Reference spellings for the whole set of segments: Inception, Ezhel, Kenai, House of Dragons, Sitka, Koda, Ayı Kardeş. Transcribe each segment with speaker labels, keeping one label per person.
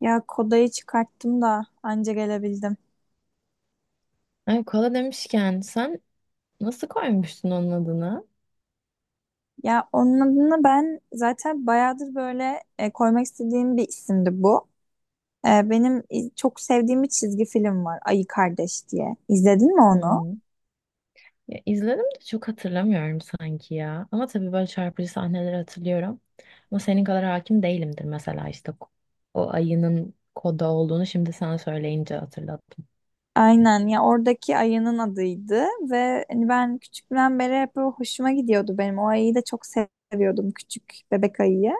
Speaker 1: Ya kodayı çıkarttım da anca gelebildim.
Speaker 2: Ay, kola demişken sen nasıl koymuştun onun adını?
Speaker 1: Ya onun adını ben zaten bayağıdır böyle koymak istediğim bir isimdi bu. Benim çok sevdiğim bir çizgi film var Ayı Kardeş diye. İzledin mi onu?
Speaker 2: Hmm. Ya, izledim de çok hatırlamıyorum sanki ya. Ama tabii böyle çarpıcı sahneleri hatırlıyorum. Ama senin kadar hakim değilimdir mesela işte o ayının Koda olduğunu şimdi sana söyleyince hatırladım.
Speaker 1: Aynen ya oradaki ayının adıydı ve hani ben küçüklüğümden beri hep böyle hoşuma gidiyordu benim. O ayıyı da çok seviyordum küçük bebek ayıyı.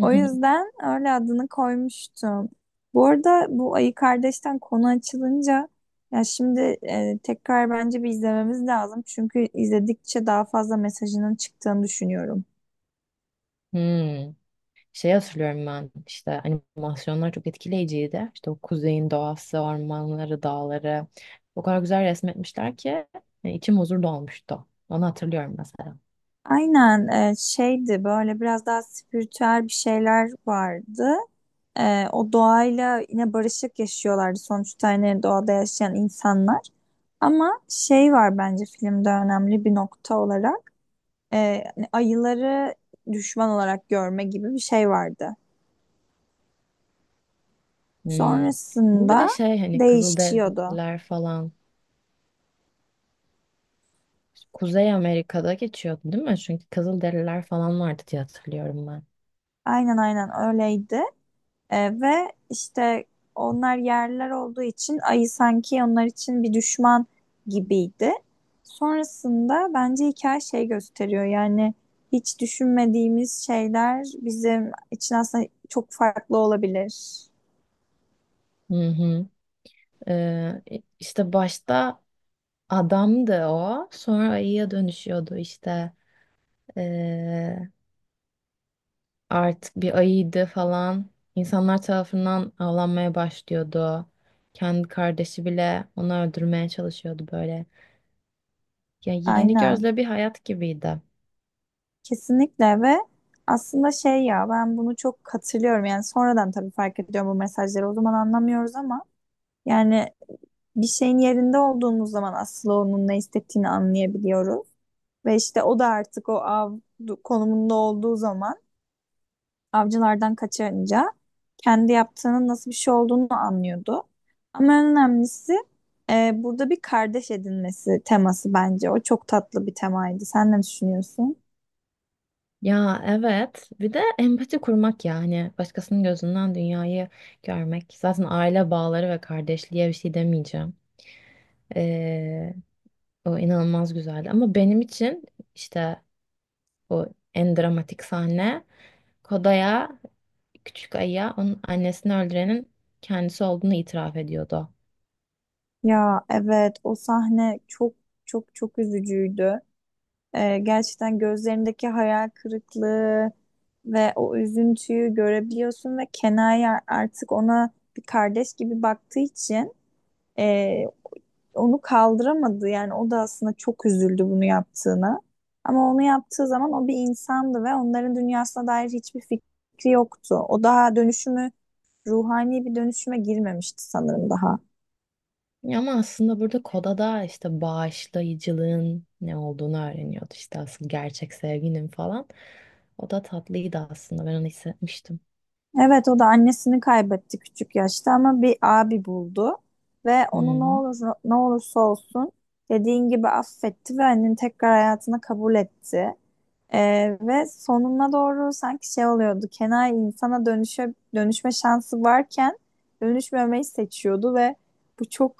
Speaker 1: O yüzden öyle adını koymuştum. Bu arada bu Ayı Kardeş'ten konu açılınca ya şimdi tekrar bence bir izlememiz lazım. Çünkü izledikçe daha fazla mesajının çıktığını düşünüyorum.
Speaker 2: Hmm. Şey hatırlıyorum, ben işte animasyonlar çok etkileyiciydi. İşte o kuzeyin doğası, ormanları, dağları o kadar güzel resmetmişler ki içim huzur dolmuştu. Onu hatırlıyorum mesela.
Speaker 1: Aynen, şeydi böyle biraz daha spiritüel bir şeyler vardı. O doğayla yine barışık yaşıyorlardı sonuçta hani doğada yaşayan insanlar. Ama şey var bence filmde önemli bir nokta olarak. Hani ayıları düşman olarak görme gibi bir şey vardı.
Speaker 2: Hmm. Bu bir de
Speaker 1: Sonrasında
Speaker 2: şey, hani
Speaker 1: değişiyordu.
Speaker 2: Kızılderililer falan Kuzey Amerika'da geçiyordu değil mi? Çünkü Kızılderililer falan vardı diye hatırlıyorum ben.
Speaker 1: Aynen, aynen öyleydi. Ve işte onlar yerler olduğu için ayı sanki onlar için bir düşman gibiydi. Sonrasında bence hikaye şey gösteriyor, yani hiç düşünmediğimiz şeyler bizim için aslında çok farklı olabilir.
Speaker 2: Hı hı. Ee, işte başta adamdı, o sonra ayıya dönüşüyordu işte. Ee, Artık bir ayıydı falan. İnsanlar tarafından avlanmaya başlıyordu. Kendi kardeşi bile onu öldürmeye çalışıyordu böyle. Ya, yeni
Speaker 1: Aynen.
Speaker 2: gözle bir hayat gibiydi.
Speaker 1: Kesinlikle ve aslında şey, ya ben bunu çok hatırlıyorum, yani sonradan tabii fark ediyorum bu mesajları, o zaman anlamıyoruz ama yani bir şeyin yerinde olduğumuz zaman aslında onun ne istediğini anlayabiliyoruz ve işte o da artık o av konumunda olduğu zaman avcılardan kaçınca kendi yaptığının nasıl bir şey olduğunu anlıyordu ama en önemlisi, burada bir kardeş edinmesi teması, bence o çok tatlı bir temaydı. Sen ne düşünüyorsun?
Speaker 2: Ya evet, bir de empati kurmak, yani başkasının gözünden dünyayı görmek. Zaten aile bağları ve kardeşliğe bir şey demeyeceğim. Ee, O inanılmaz güzeldi ama benim için işte o en dramatik sahne, Koda'ya, Küçük Ayı'ya onun annesini öldürenin kendisi olduğunu itiraf ediyordu.
Speaker 1: Ya evet o sahne çok çok üzücüydü. Gerçekten gözlerindeki hayal kırıklığı ve o üzüntüyü görebiliyorsun ve Kenai artık ona bir kardeş gibi baktığı için e, onu kaldıramadı. Yani o da aslında çok üzüldü bunu yaptığına. Ama onu yaptığı zaman o bir insandı ve onların dünyasına dair hiçbir fikri yoktu. O daha dönüşümü, ruhani bir dönüşüme girmemişti sanırım daha.
Speaker 2: Ya ama aslında burada Koda'da işte bağışlayıcılığın ne olduğunu öğreniyordu. İşte asıl gerçek sevginin falan. O da tatlıydı aslında. Ben onu hissetmiştim.
Speaker 1: Evet o da annesini kaybetti küçük yaşta ama bir abi buldu ve onu ne
Speaker 2: Hı.
Speaker 1: olur ne olursa olsun dediğin gibi affetti ve annenin tekrar hayatına kabul etti. Ve sonuna doğru sanki şey oluyordu. Kenai insana dönüşme şansı varken dönüşmemeyi seçiyordu ve bu çok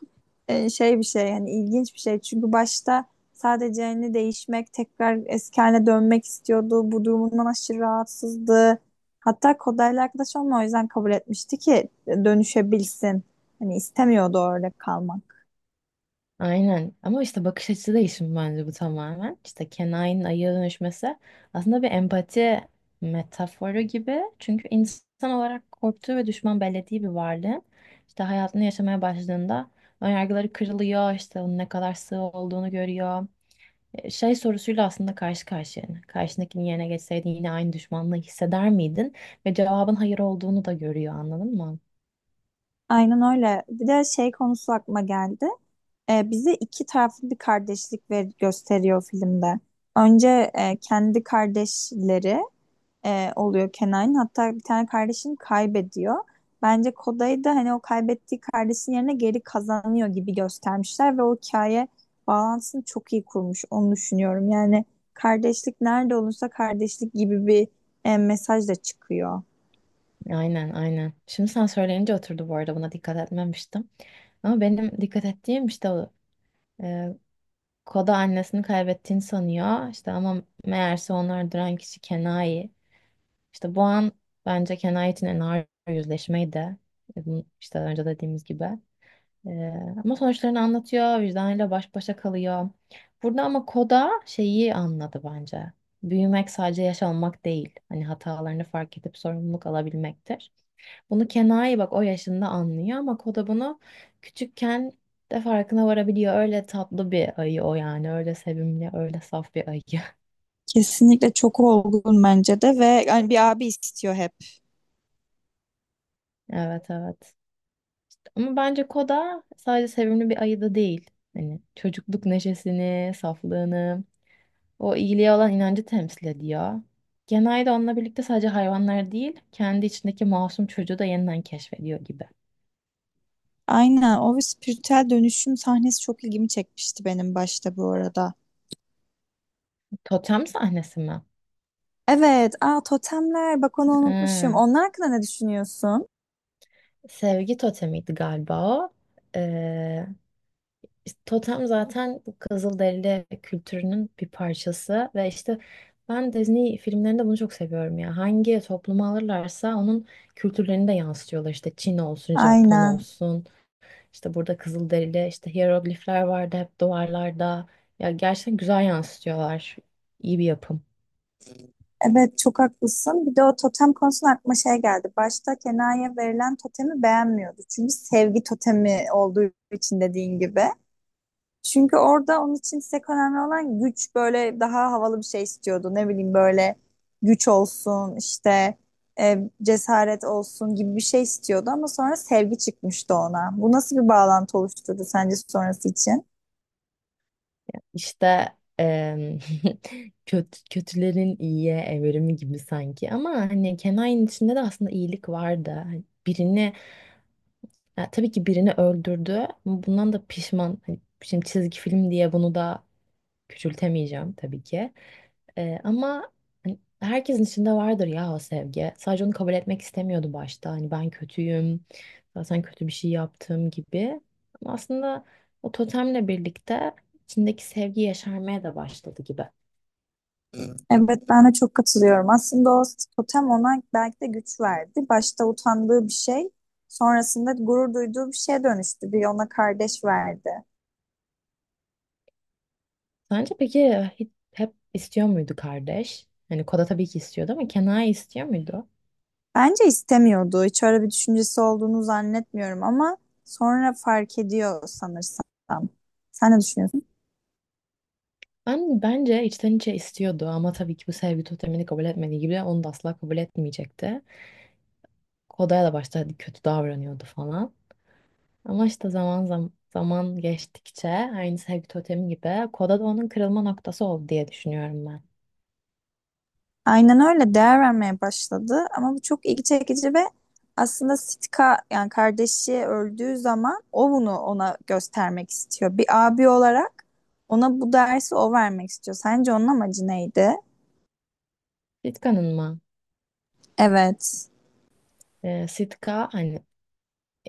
Speaker 1: şey bir şey, yani ilginç bir şey. Çünkü başta sadece hani değişmek, tekrar eski haline dönmek istiyordu. Bu durumundan aşırı rahatsızdı. Hatta Koda'yla arkadaş olma o yüzden kabul etmişti ki dönüşebilsin. Hani istemiyordu orada kalmak.
Speaker 2: Aynen, ama işte bakış açısı değişimi bence bu tamamen. İşte Kenai'nin ayıya dönüşmesi aslında bir empati metaforu gibi. Çünkü insan olarak korktuğu ve düşman bellediği bir varlığın işte hayatını yaşamaya başladığında önyargıları kırılıyor, işte onun ne kadar sığ olduğunu görüyor. Şey sorusuyla aslında karşı karşıya, yani. Karşındakinin yerine geçseydin yine aynı düşmanlığı hisseder miydin? Ve cevabın hayır olduğunu da görüyor, anladın mı?
Speaker 1: Aynen öyle. Bir de şey konusu aklıma geldi. Bize iki taraflı bir kardeşlik ver gösteriyor filmde. Önce kendi kardeşleri oluyor Kenan'ın. Hatta bir tane kardeşini kaybediyor. Bence Koday da hani o kaybettiği kardeşin yerine geri kazanıyor gibi göstermişler ve o hikaye bağlantısını çok iyi kurmuş. Onu düşünüyorum. Yani kardeşlik nerede olursa kardeşlik gibi bir mesaj da çıkıyor.
Speaker 2: Aynen, aynen. Şimdi sen söyleyince oturdu, bu arada buna dikkat etmemiştim. Ama benim dikkat ettiğim işte e, Koda annesini kaybettiğini sanıyor. İşte ama meğerse onu öldüren kişi Kenai. İşte bu an bence Kenai için en ağır yüzleşmeyi de, bu işte önce dediğimiz gibi. Ee, Ama sonuçlarını anlatıyor, vicdanıyla baş başa kalıyor. Burada ama Koda şeyi anladı bence. Büyümek sadece yaş almak değil. Hani hatalarını fark edip sorumluluk alabilmektir. Bunu Kenai bak o yaşında anlıyor ama Koda bunu küçükken de farkına varabiliyor. Öyle tatlı bir ayı o, yani. Öyle sevimli, öyle saf bir ayı.
Speaker 1: Kesinlikle çok olgun bence de, ve yani bir abi istiyor hep.
Speaker 2: Evet, evet. Ama bence Koda sadece sevimli bir ayı da değil. Hani çocukluk neşesini, saflığını, o iyiliğe olan inancı temsil ediyor. Genelde onunla birlikte sadece hayvanlar değil, kendi içindeki masum çocuğu da yeniden keşfediyor gibi.
Speaker 1: Aynen o spiritüel dönüşüm sahnesi çok ilgimi çekmişti benim başta bu arada.
Speaker 2: Totem sahnesi mi?
Speaker 1: Evet, aa totemler bak onu unutmuşum.
Speaker 2: Ee,
Speaker 1: Onlar hakkında ne düşünüyorsun?
Speaker 2: Sevgi totemiydi galiba o. Ee, işte totem zaten bu Kızılderili kültürünün bir parçası ve işte ben Disney filmlerinde bunu çok seviyorum ya. Hangi toplumu alırlarsa onun kültürlerini de yansıtıyorlar. İşte Çin olsun, Japon
Speaker 1: Aynen.
Speaker 2: olsun. İşte burada Kızılderili, işte hiyeroglifler vardı hep duvarlarda. Ya gerçekten güzel yansıtıyorlar. İyi bir yapım.
Speaker 1: Evet çok haklısın. Bir de o totem konusunda aklıma şey geldi. Başta Kenan'ya verilen totemi beğenmiyordu. Çünkü sevgi totemi olduğu için, dediğin gibi. Çünkü orada onun için tek önemli olan güç, böyle daha havalı bir şey istiyordu. Ne bileyim böyle güç olsun işte cesaret olsun gibi bir şey istiyordu ama sonra sevgi çıkmıştı ona. Bu nasıl bir bağlantı oluşturdu sence sonrası için?
Speaker 2: İşte kötü, kötülerin iyiye evrimi gibi sanki. Ama hani Kenai'nin içinde de aslında iyilik vardı. Hani birini, ya tabii ki birini öldürdü. Ama bundan da pişman. Hani şimdi çizgi film diye bunu da küçültemeyeceğim tabii ki. Ama hani herkesin içinde vardır ya o sevgi. Sadece onu kabul etmek istemiyordu başta. Hani ben kötüyüm, zaten kötü bir şey yaptım gibi. Ama aslında o totemle birlikte içindeki sevgi yaşarmaya da başladı gibi.
Speaker 1: Evet ben de çok katılıyorum. Aslında o totem ona belki de güç verdi. Başta utandığı bir şey sonrasında gurur duyduğu bir şeye dönüştü. Bir ona kardeş verdi.
Speaker 2: Sence peki hep istiyor muydu kardeş? Hani Koda tabii ki istiyordu ama Kenai istiyor muydu?
Speaker 1: Bence istemiyordu. Hiç öyle bir düşüncesi olduğunu zannetmiyorum ama sonra fark ediyor sanırsam. Sen ne düşünüyorsun?
Speaker 2: Ben bence içten içe istiyordu ama tabii ki bu sevgi totemini kabul etmediği gibi onu da asla kabul etmeyecekti. Koda'ya da başta hadi kötü davranıyordu falan. Ama işte zaman zaman, zaman geçtikçe aynı sevgi totemi gibi Koda da onun kırılma noktası oldu diye düşünüyorum ben.
Speaker 1: Aynen öyle, değer vermeye başladı ama bu çok ilgi çekici ve aslında Sitka yani kardeşi öldüğü zaman o bunu ona göstermek istiyor. Bir abi olarak ona bu dersi o vermek istiyor. Sence onun amacı neydi?
Speaker 2: Sitka'nın mı?
Speaker 1: Evet.
Speaker 2: Sitka hani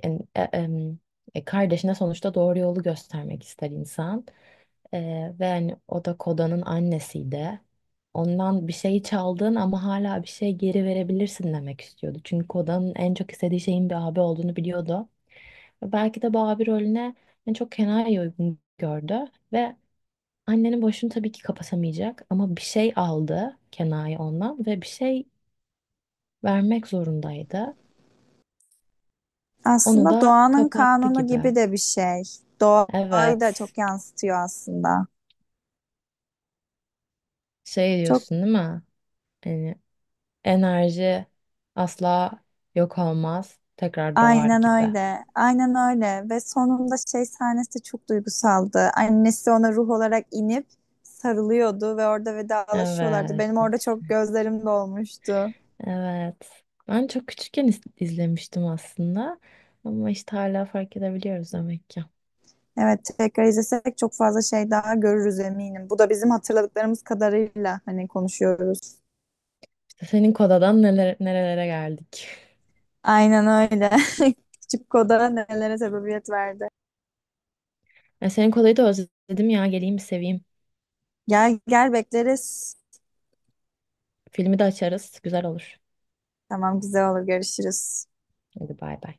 Speaker 2: en- e- em, kardeşine sonuçta doğru yolu göstermek ister insan. Ve hani o da Koda'nın annesiydi. Ondan bir şey çaldın ama hala bir şey geri verebilirsin demek istiyordu. Çünkü Koda'nın en çok istediği şeyin bir abi olduğunu biliyordu. Belki de bu abi rolüne en çok Kenai'yi uygun gördü. Ve annenin boşluğunu tabii ki kapatamayacak ama bir şey aldı Kenai ondan ve bir şey vermek zorundaydı. Onu
Speaker 1: Aslında
Speaker 2: da
Speaker 1: doğanın
Speaker 2: kapattı
Speaker 1: kanunu
Speaker 2: gibi.
Speaker 1: gibi de bir şey. Doğayı da
Speaker 2: Evet.
Speaker 1: çok yansıtıyor aslında.
Speaker 2: Şey
Speaker 1: Çok
Speaker 2: diyorsun değil mi? Yani enerji asla yok olmaz, tekrar doğar
Speaker 1: aynen
Speaker 2: gibi.
Speaker 1: öyle. Aynen öyle. Ve sonunda şey sahnesi çok duygusaldı. Annesi ona ruh olarak inip sarılıyordu ve orada vedalaşıyorlardı. Benim orada
Speaker 2: Evet.
Speaker 1: çok gözlerim dolmuştu.
Speaker 2: Evet. Ben çok küçükken izlemiştim aslında ama işte hala fark edebiliyoruz demek ki.
Speaker 1: Evet, tekrar izlesek çok fazla şey daha görürüz eminim. Bu da bizim hatırladıklarımız kadarıyla hani konuşuyoruz.
Speaker 2: İşte senin kodadan neler nerelere geldik.
Speaker 1: Aynen öyle. Küçük Koda nelere sebebiyet verdi.
Speaker 2: Ya senin kodayı da özledim ya, geleyim bir seveyim.
Speaker 1: Gel gel bekleriz.
Speaker 2: Filmi de açarız. Güzel olur.
Speaker 1: Tamam güzel olur, görüşürüz.
Speaker 2: Hadi bay bay.